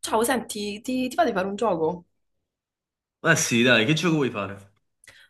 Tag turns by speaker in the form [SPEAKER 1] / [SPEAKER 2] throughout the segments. [SPEAKER 1] Ciao, senti, ti va di fare un gioco?
[SPEAKER 2] Ma sì, dai, che gioco vuoi fare?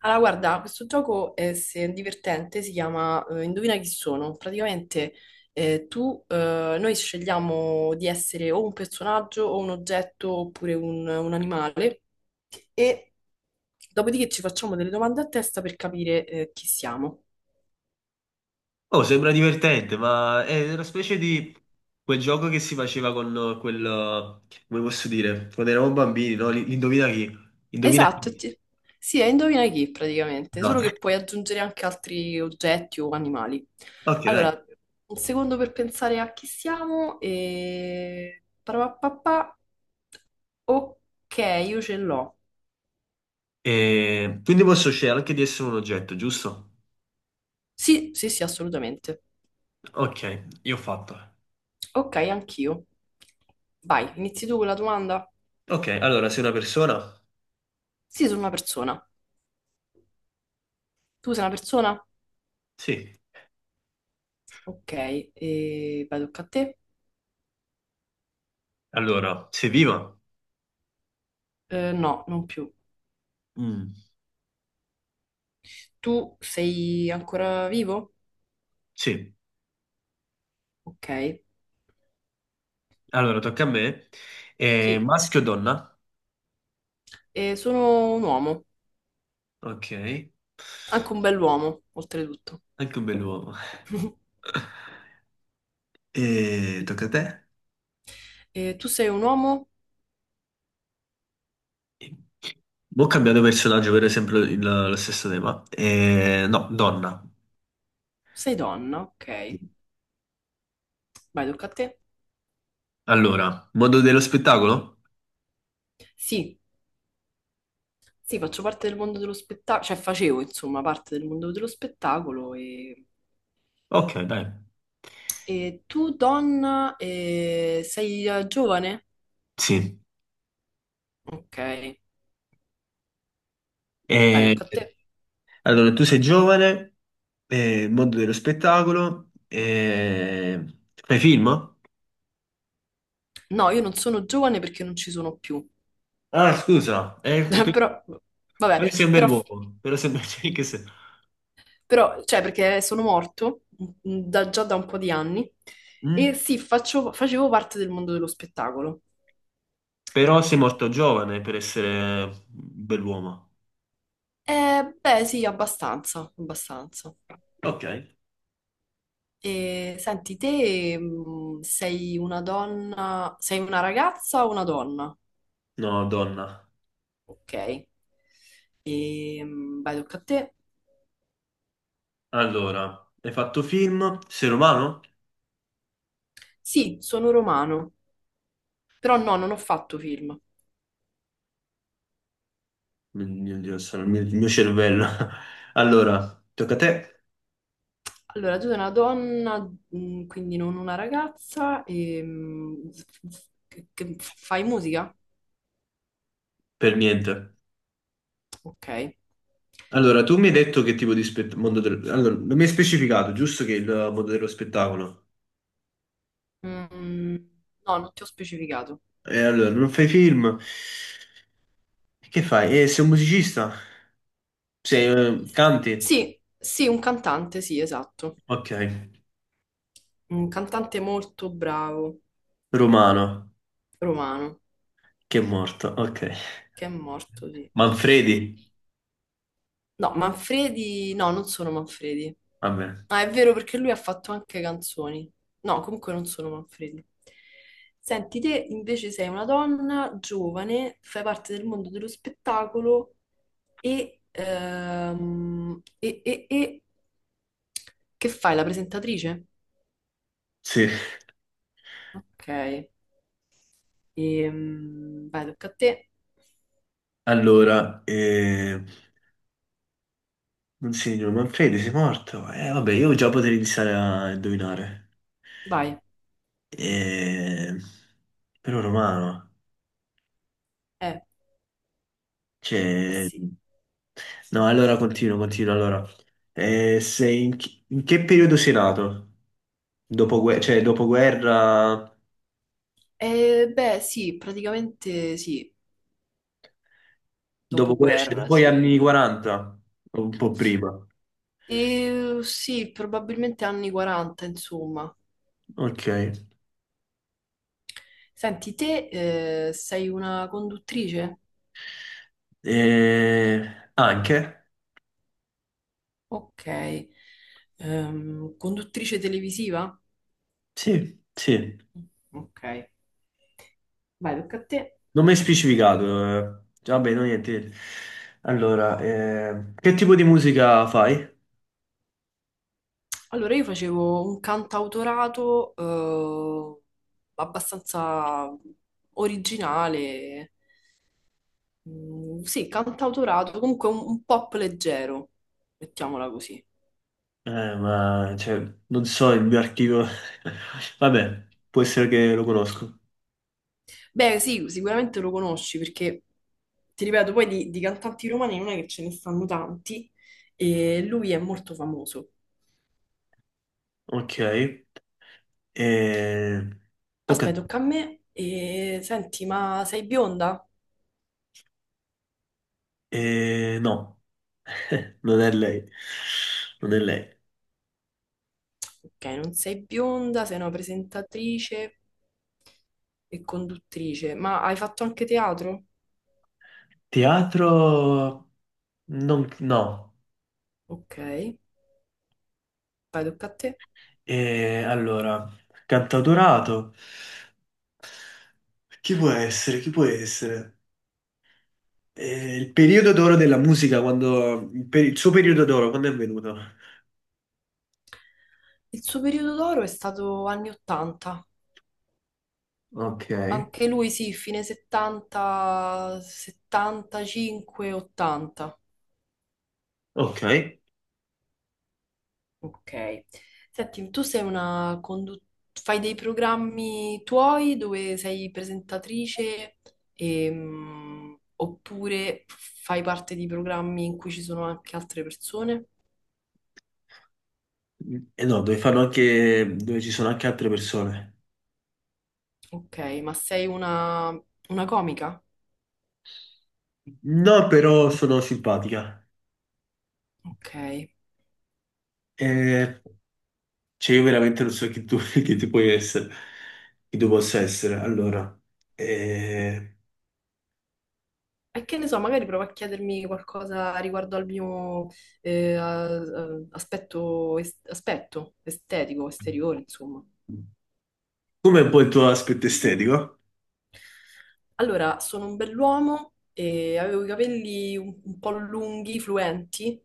[SPEAKER 1] Allora, guarda, questo gioco è divertente, si chiama indovina chi sono. Praticamente noi scegliamo di essere o un personaggio o un oggetto oppure un animale e dopodiché ci facciamo delle domande a testa per capire chi siamo.
[SPEAKER 2] Oh, sembra divertente, ma è una specie di quel gioco che si faceva con come posso dire, quando eravamo bambini, no? L'indovina chi? Indovina
[SPEAKER 1] Esatto,
[SPEAKER 2] chi?
[SPEAKER 1] sì, è indovina chi praticamente, solo
[SPEAKER 2] Esatto.
[SPEAKER 1] che puoi aggiungere anche altri oggetti o animali.
[SPEAKER 2] Ok, dai.
[SPEAKER 1] Allora, un secondo per pensare a chi siamo e... parapapapà. Ok, io ce l'ho.
[SPEAKER 2] E quindi posso scegliere anche di essere un oggetto, giusto?
[SPEAKER 1] Sì, sì, sì, assolutamente.
[SPEAKER 2] Ok, io ho fatto.
[SPEAKER 1] Ok, anch'io. Vai, inizi tu con la domanda?
[SPEAKER 2] Ok, allora, sei una persona?
[SPEAKER 1] Sì, sono una persona. Tu sei una persona?
[SPEAKER 2] Sì.
[SPEAKER 1] Ok, e vai, tocca a te?
[SPEAKER 2] Allora, sei viva?
[SPEAKER 1] No, non più.
[SPEAKER 2] Mm,
[SPEAKER 1] Tu sei ancora vivo?
[SPEAKER 2] sì.
[SPEAKER 1] Ok.
[SPEAKER 2] Allora, tocca a me.
[SPEAKER 1] Sì,
[SPEAKER 2] Maschio o donna?
[SPEAKER 1] e sono un uomo,
[SPEAKER 2] Ok.
[SPEAKER 1] anche un bell'uomo, oltretutto.
[SPEAKER 2] Anche un bell'uomo. E tocca a te.
[SPEAKER 1] E tu sei un uomo?
[SPEAKER 2] Boh, cambiato personaggio, per esempio lo stesso tema. E, no, donna.
[SPEAKER 1] Sei donna, ok. Vai, tocca a te.
[SPEAKER 2] Allora, mondo dello spettacolo?
[SPEAKER 1] Sì, sì, faccio parte del mondo dello spettacolo, cioè facevo, insomma, parte del mondo dello spettacolo
[SPEAKER 2] Ok, dai.
[SPEAKER 1] e tu, donna, sei giovane?
[SPEAKER 2] Sì.
[SPEAKER 1] Ok, vai,
[SPEAKER 2] E-
[SPEAKER 1] tocca a te.
[SPEAKER 2] allora, tu sei giovane, mondo dello spettacolo, fai film?
[SPEAKER 1] No, io non sono giovane perché non ci sono più.
[SPEAKER 2] Ah, scusa,
[SPEAKER 1] Però, vabbè,
[SPEAKER 2] però sei un bel
[SPEAKER 1] però
[SPEAKER 2] uomo, però sei, cioè, che se-
[SPEAKER 1] però, cioè, perché sono morto già da un po' di anni e
[SPEAKER 2] Mm?
[SPEAKER 1] sì, facevo parte del mondo dello spettacolo.
[SPEAKER 2] Però sei morto giovane per essere un bell'uomo.
[SPEAKER 1] Beh, sì, abbastanza, abbastanza.
[SPEAKER 2] Ok.
[SPEAKER 1] E senti, te sei una donna, sei una ragazza o una donna?
[SPEAKER 2] No, donna.
[SPEAKER 1] Ok. E, vai, tocca a te.
[SPEAKER 2] Allora, hai fatto film? Sei romano?
[SPEAKER 1] Sì, sono romano, però no, non ho fatto film.
[SPEAKER 2] Mio Dio, sono il mio cervello. Allora, tocca a te?
[SPEAKER 1] Allora, tu sei una donna, quindi non una ragazza, e, che fai musica?
[SPEAKER 2] Per niente.
[SPEAKER 1] Ok.
[SPEAKER 2] Allora, tu mi hai detto che tipo di spettacolo. Allora, non mi hai specificato, giusto che il mondo dello spettacolo.
[SPEAKER 1] Mm, no, non ti ho specificato.
[SPEAKER 2] E allora, non fai film? Che fai? Sei un musicista? Canti?
[SPEAKER 1] Sì, sì, un cantante, sì, esatto.
[SPEAKER 2] Ok.
[SPEAKER 1] Un cantante molto bravo,
[SPEAKER 2] Romano,
[SPEAKER 1] romano,
[SPEAKER 2] che è morto. Ok.
[SPEAKER 1] che è morto, sì.
[SPEAKER 2] Manfredi?
[SPEAKER 1] No, Manfredi, no, non sono Manfredi.
[SPEAKER 2] Vabbè.
[SPEAKER 1] Ah, è vero perché lui ha fatto anche canzoni. No, comunque non sono Manfredi. Senti, te invece sei una donna giovane, fai parte del mondo dello spettacolo e, che fai? La presentatrice?
[SPEAKER 2] Sì.
[SPEAKER 1] Ok. Vai, tocca a te.
[SPEAKER 2] Allora. Non Manfredi, sei morto? Vabbè, io già potrei iniziare a indovinare.
[SPEAKER 1] Vai.
[SPEAKER 2] Eh, Però Romano,
[SPEAKER 1] Eh, eh
[SPEAKER 2] cioè.
[SPEAKER 1] sì.
[SPEAKER 2] No, allora continuo, allora. In che periodo sei nato? Dopoguerra, cioè dopoguerra,
[SPEAKER 1] Beh, sì, praticamente sì,
[SPEAKER 2] cioè
[SPEAKER 1] dopoguerra,
[SPEAKER 2] dopo gli anni
[SPEAKER 1] sì.
[SPEAKER 2] 40, o un po' prima.
[SPEAKER 1] E, sì, probabilmente anni 40, insomma.
[SPEAKER 2] Ok.
[SPEAKER 1] Senti, te sei una conduttrice?
[SPEAKER 2] Eh, Anche?
[SPEAKER 1] Ok. Conduttrice televisiva?
[SPEAKER 2] Sì, sì.
[SPEAKER 1] Ok. Vai, tocca a te.
[SPEAKER 2] Non mi hai specificato. Vabbè, no, niente. Allora, che tipo di musica fai?
[SPEAKER 1] Allora, io facevo un cantautorato eh, abbastanza originale. Mm, sì, cantautorato, comunque un pop leggero, mettiamola così.
[SPEAKER 2] Ma, cioè, non so il mio archivio. Vabbè, può essere che lo conosco.
[SPEAKER 1] Beh, sì, sicuramente lo conosci perché, ti ripeto, poi di cantanti romani non è che ce ne stanno tanti e lui è molto famoso.
[SPEAKER 2] Ok. Eh, Tocca a
[SPEAKER 1] Aspetta,
[SPEAKER 2] te.
[SPEAKER 1] tocca a me. E, senti, ma sei bionda?
[SPEAKER 2] No, non è lei. Non è lei.
[SPEAKER 1] Ok, non sei bionda, sei una presentatrice e conduttrice, ma hai fatto anche teatro?
[SPEAKER 2] Teatro. Non, No.
[SPEAKER 1] Ok, vai, tocca a te.
[SPEAKER 2] Allora, cantautorato. Chi può essere? Chi può essere? Il periodo d'oro della musica, il suo periodo d'oro, quando è venuto?
[SPEAKER 1] Il suo periodo d'oro è stato anni 80.
[SPEAKER 2] Ok.
[SPEAKER 1] Anche lui sì, fine 70, 75, 80.
[SPEAKER 2] Ok.
[SPEAKER 1] Ok. Senti, tu sei una fai dei programmi tuoi dove sei presentatrice oppure fai parte di programmi in cui ci sono anche altre persone?
[SPEAKER 2] E no, dove ci sono anche altre persone.
[SPEAKER 1] Ok, ma sei una comica?
[SPEAKER 2] No, però sono simpatica.
[SPEAKER 1] Ok.
[SPEAKER 2] Eh, cioè, io veramente non so chi tu puoi essere, chi tu possa essere. Allora, eh,
[SPEAKER 1] E che ne so, magari provo a chiedermi qualcosa riguardo al mio eh, a- a- aspetto, aspetto estetico, esteriore, insomma.
[SPEAKER 2] com'è un po' il tuo aspetto estetico?
[SPEAKER 1] Allora, sono un bell'uomo e avevo i capelli un po' lunghi, fluenti,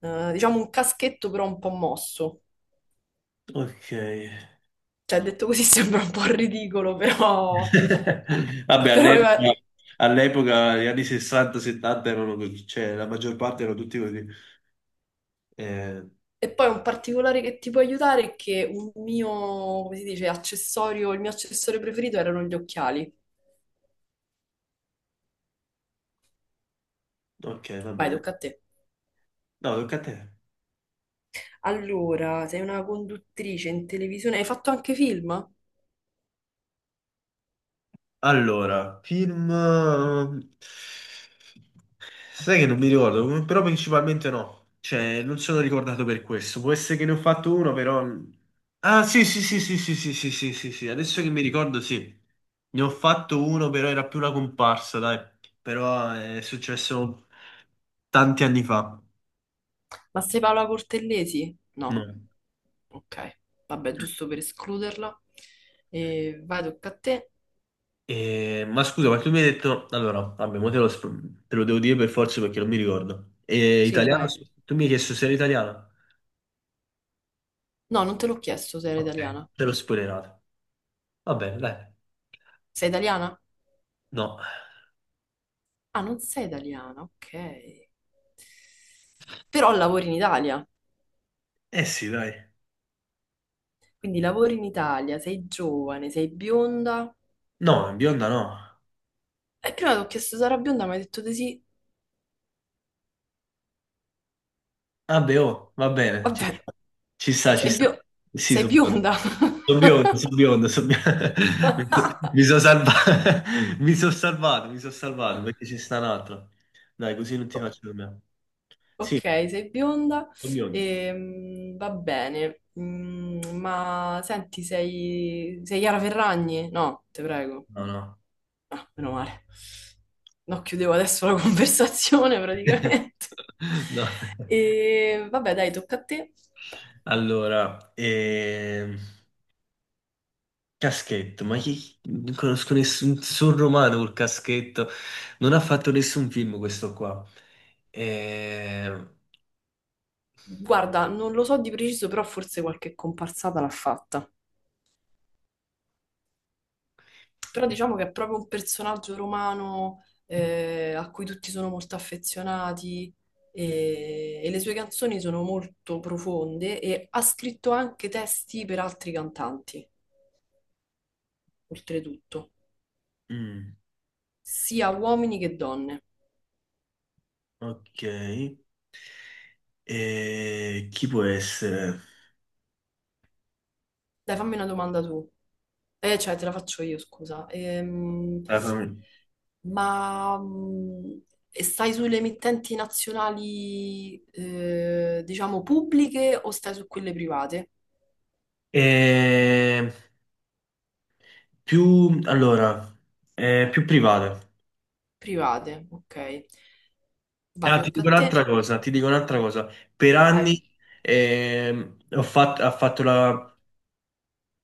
[SPEAKER 1] diciamo un caschetto però un po' mosso.
[SPEAKER 2] Ok.
[SPEAKER 1] Cioè, detto così sembra un po' ridicolo, però...
[SPEAKER 2] Vabbè,
[SPEAKER 1] però aveva-
[SPEAKER 2] all'epoca, gli anni 60-70 erano così, cioè la maggior parte erano tutti così. Eh,
[SPEAKER 1] E poi un particolare che ti può aiutare è che un mio, come si dice, accessorio, il mio accessorio preferito erano gli occhiali.
[SPEAKER 2] ok, va
[SPEAKER 1] Vai,
[SPEAKER 2] bene.
[SPEAKER 1] tocca a te.
[SPEAKER 2] No, tocca a te.
[SPEAKER 1] Allora, sei una conduttrice in televisione. Hai fatto anche film?
[SPEAKER 2] Allora, film. Sai che non mi ricordo, però principalmente no. Cioè, non sono ricordato per questo. Può essere che ne ho fatto uno, però. Ah, sì, sì, sì, sì, sì, sì, sì, sì, sì, sì. Adesso che mi ricordo, sì. Ne ho fatto uno, però era più una comparsa, dai. Però è successo tanti anni fa.
[SPEAKER 1] Ma sei Paola Cortellesi? No,
[SPEAKER 2] No.
[SPEAKER 1] ok. Vabbè, giusto per escluderla. E vai, tocca a te.
[SPEAKER 2] Ma scusa, ma tu mi hai detto. Allora, vabbè, mo te lo devo dire per forza perché non mi ricordo.
[SPEAKER 1] Sì,
[SPEAKER 2] Italiano,
[SPEAKER 1] vai.
[SPEAKER 2] sì. Tu mi hai chiesto se era italiano?
[SPEAKER 1] No, non te l'ho chiesto se eri
[SPEAKER 2] Ok,
[SPEAKER 1] italiana.
[SPEAKER 2] te l'ho spoilerato. Va bene, dai.
[SPEAKER 1] Sei italiana?
[SPEAKER 2] No.
[SPEAKER 1] Ah, non sei italiana, ok. Però lavori in Italia.
[SPEAKER 2] Eh sì, dai.
[SPEAKER 1] Quindi lavori in Italia, sei giovane, sei bionda.
[SPEAKER 2] No, bionda no.
[SPEAKER 1] E prima ti ho chiesto se era bionda, ma hai detto di sì.
[SPEAKER 2] Vabbè, oh, va bene, ci sta.
[SPEAKER 1] Vabbè,
[SPEAKER 2] Ci sta, ci
[SPEAKER 1] sei
[SPEAKER 2] sta.
[SPEAKER 1] bio-
[SPEAKER 2] Sì,
[SPEAKER 1] sei
[SPEAKER 2] sono
[SPEAKER 1] bionda.
[SPEAKER 2] biondo. Sono biondo, sono biondo, son biondo. Mi so- mi sono salvato. Mi sono salvato perché ci sta un altro. Dai, così non ti
[SPEAKER 1] O-
[SPEAKER 2] faccio dormire.
[SPEAKER 1] Ok,
[SPEAKER 2] Sì,
[SPEAKER 1] sei bionda,
[SPEAKER 2] sono biondo.
[SPEAKER 1] va bene, mm, ma senti, sei Chiara Ferragni? No, ti prego.
[SPEAKER 2] No, no.
[SPEAKER 1] Ah, meno male. No, chiudevo adesso la conversazione praticamente.
[SPEAKER 2] No.
[SPEAKER 1] E vabbè, dai, tocca a te.
[SPEAKER 2] Allora, caschetto, ma chi, non conosco nessun romano col caschetto, non ha fatto nessun film questo qua. Ehm,
[SPEAKER 1] Guarda, non lo so di preciso, però forse qualche comparsata l'ha fatta. Però diciamo che è proprio un personaggio romano a cui tutti sono molto affezionati e le sue canzoni sono molto profonde e ha scritto anche testi per altri cantanti, oltretutto,
[SPEAKER 2] mm,
[SPEAKER 1] sia uomini che donne.
[SPEAKER 2] ok. Chi può essere?
[SPEAKER 1] Dai, fammi una domanda tu. Cioè, te la faccio io, scusa.
[SPEAKER 2] Ah,
[SPEAKER 1] Ma mm, e stai sulle emittenti nazionali, diciamo, pubbliche o stai su quelle private?
[SPEAKER 2] Eh, Più, allora, più private.
[SPEAKER 1] Private, ok. Vai,
[SPEAKER 2] Ah, ti
[SPEAKER 1] tocca a
[SPEAKER 2] dico
[SPEAKER 1] te.
[SPEAKER 2] un'altra cosa, ti dico un'altra cosa. Per
[SPEAKER 1] Vai.
[SPEAKER 2] anni ha fatto la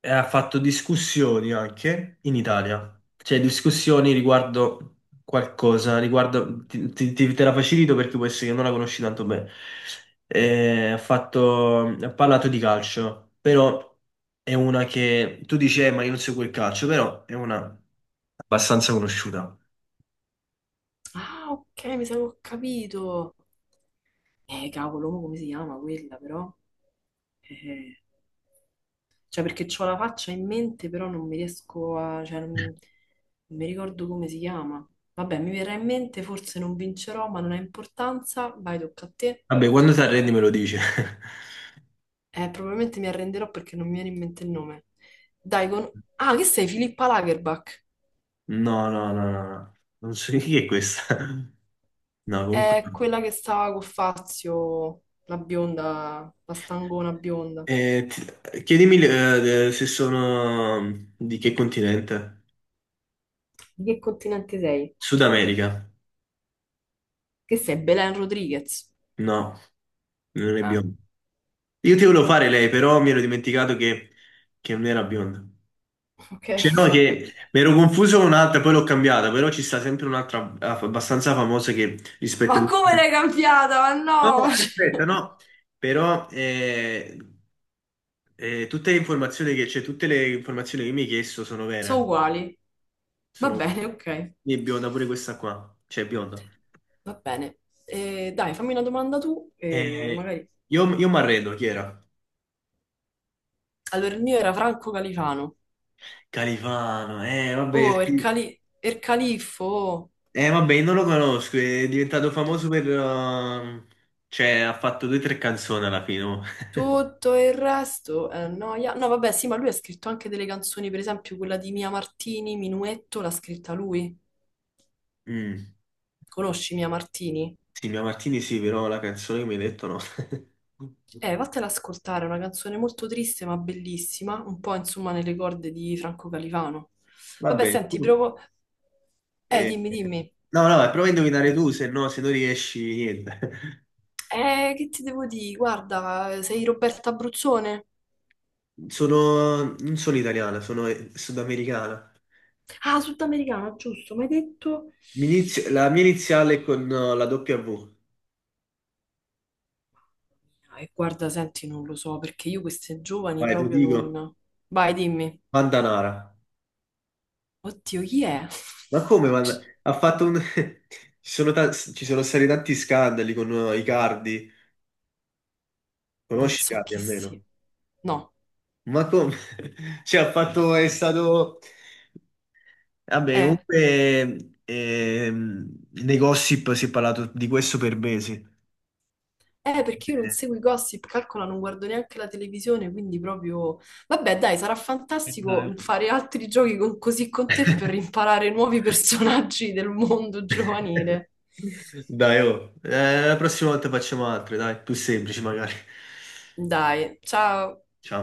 [SPEAKER 2] e ha fatto discussioni anche in Italia, cioè discussioni riguardo qualcosa, riguardo, ti- ti- te la facilito perché può essere che non la conosci tanto bene. Ha parlato di calcio, però è una che tu dici, Ma io non seguo il calcio, però è una abbastanza conosciuta.
[SPEAKER 1] Ah, ok, mi sa che ho capito. Cavolo, mo come si chiama quella, però? Eh, cioè, perché ho la faccia in mente, però non mi riesco a... cioè, non mi ricordo come si chiama. Vabbè, mi verrà in mente, forse non vincerò, ma non ha importanza. Vai, tocca a te.
[SPEAKER 2] Vabbè, quando ti arrendi me lo dici.
[SPEAKER 1] Probabilmente mi arrenderò perché non mi viene in mente il nome. Dai, con... Ah, che sei? Filippa Lagerbach.
[SPEAKER 2] No, no, no, no, no. Non so chi è questa. No, comunque.
[SPEAKER 1] È quella che stava con Fazio, la bionda, la stangona bionda.
[SPEAKER 2] Chiedimi se sono di che continente?
[SPEAKER 1] Di che continente sei?
[SPEAKER 2] Sud America?
[SPEAKER 1] Che sei? Belen Rodriguez.
[SPEAKER 2] No, non è
[SPEAKER 1] Ah,
[SPEAKER 2] bionda. Io ti volevo fare lei, però mi ero dimenticato che, non era bionda.
[SPEAKER 1] ok.
[SPEAKER 2] Cioè, no, che mi ero confuso con un'altra, poi l'ho cambiata, però ci sta sempre un'altra abbastanza famosa che rispetta.
[SPEAKER 1] Ma come l'hai cambiata? Ma
[SPEAKER 2] No,
[SPEAKER 1] no!
[SPEAKER 2] aspetta,
[SPEAKER 1] Cioè,
[SPEAKER 2] no, però tutte le informazioni che, cioè, tutte le informazioni che mi hai chiesto sono
[SPEAKER 1] sono
[SPEAKER 2] vere.
[SPEAKER 1] uguali. Va
[SPEAKER 2] Sono
[SPEAKER 1] bene, ok.
[SPEAKER 2] è bionda pure questa qua, cioè è bionda.
[SPEAKER 1] Va bene. Dai, fammi una domanda tu e
[SPEAKER 2] Eh,
[SPEAKER 1] magari...
[SPEAKER 2] io mi arredo, chi era?
[SPEAKER 1] Allora, il mio era Franco Califano.
[SPEAKER 2] Califano, eh vabbè,
[SPEAKER 1] Oh, il,
[SPEAKER 2] sì.
[SPEAKER 1] cali... il califfo. Oh.
[SPEAKER 2] Vabbè, io non lo conosco, è diventato famoso per, cioè ha fatto due o tre canzoni alla fine. Oh.
[SPEAKER 1] Tutto il resto è noia. No, vabbè, sì, ma lui ha scritto anche delle canzoni, per esempio quella di Mia Martini, Minuetto, l'ha scritta lui.
[SPEAKER 2] Mm.
[SPEAKER 1] Conosci Mia Martini?
[SPEAKER 2] Sì, Mia Martini sì, però la canzone che mi hai detto no.
[SPEAKER 1] Vattela ad ascoltare, è una canzone molto triste ma bellissima, un po' insomma nelle corde di Franco Califano. Vabbè,
[SPEAKER 2] Vabbè,
[SPEAKER 1] senti,
[SPEAKER 2] tu.
[SPEAKER 1] provo...
[SPEAKER 2] eh,
[SPEAKER 1] dimmi, dimmi.
[SPEAKER 2] No, no, prova a indovinare tu, se no, se non riesci, niente.
[SPEAKER 1] Che ti devo dire? Guarda, sei Roberta Abruzzone?
[SPEAKER 2] Non sono italiana, sono sudamericana.
[SPEAKER 1] Ah, sudamericana, giusto, mi hai detto...
[SPEAKER 2] La mia iniziale è con la W.
[SPEAKER 1] E guarda, senti, non lo so perché io queste giovani
[SPEAKER 2] Vai, te lo
[SPEAKER 1] proprio
[SPEAKER 2] dico.
[SPEAKER 1] non. Vai, dimmi.
[SPEAKER 2] Vandanara.
[SPEAKER 1] Oddio, chi è?
[SPEAKER 2] Ma come. Ha fatto un. Ci sono stati tanti scandali con Icardi.
[SPEAKER 1] Non
[SPEAKER 2] Conosci
[SPEAKER 1] so
[SPEAKER 2] Icardi
[SPEAKER 1] chi
[SPEAKER 2] almeno?
[SPEAKER 1] sia. No,
[SPEAKER 2] Ma come? Cioè, ha fatto. È stato. Vabbè,
[SPEAKER 1] eh.
[SPEAKER 2] comunque, nei gossip si è parlato di questo per mesi.
[SPEAKER 1] Perché io non
[SPEAKER 2] Eh,
[SPEAKER 1] seguo i gossip, calcola, non guardo neanche la televisione, quindi proprio... Vabbè, dai, sarà
[SPEAKER 2] Dai.
[SPEAKER 1] fantastico fare altri così con te per imparare nuovi personaggi del mondo giovanile.
[SPEAKER 2] Dai, oh. La prossima volta facciamo altre, dai. Più semplici magari.
[SPEAKER 1] Dai, ciao.
[SPEAKER 2] Ciao.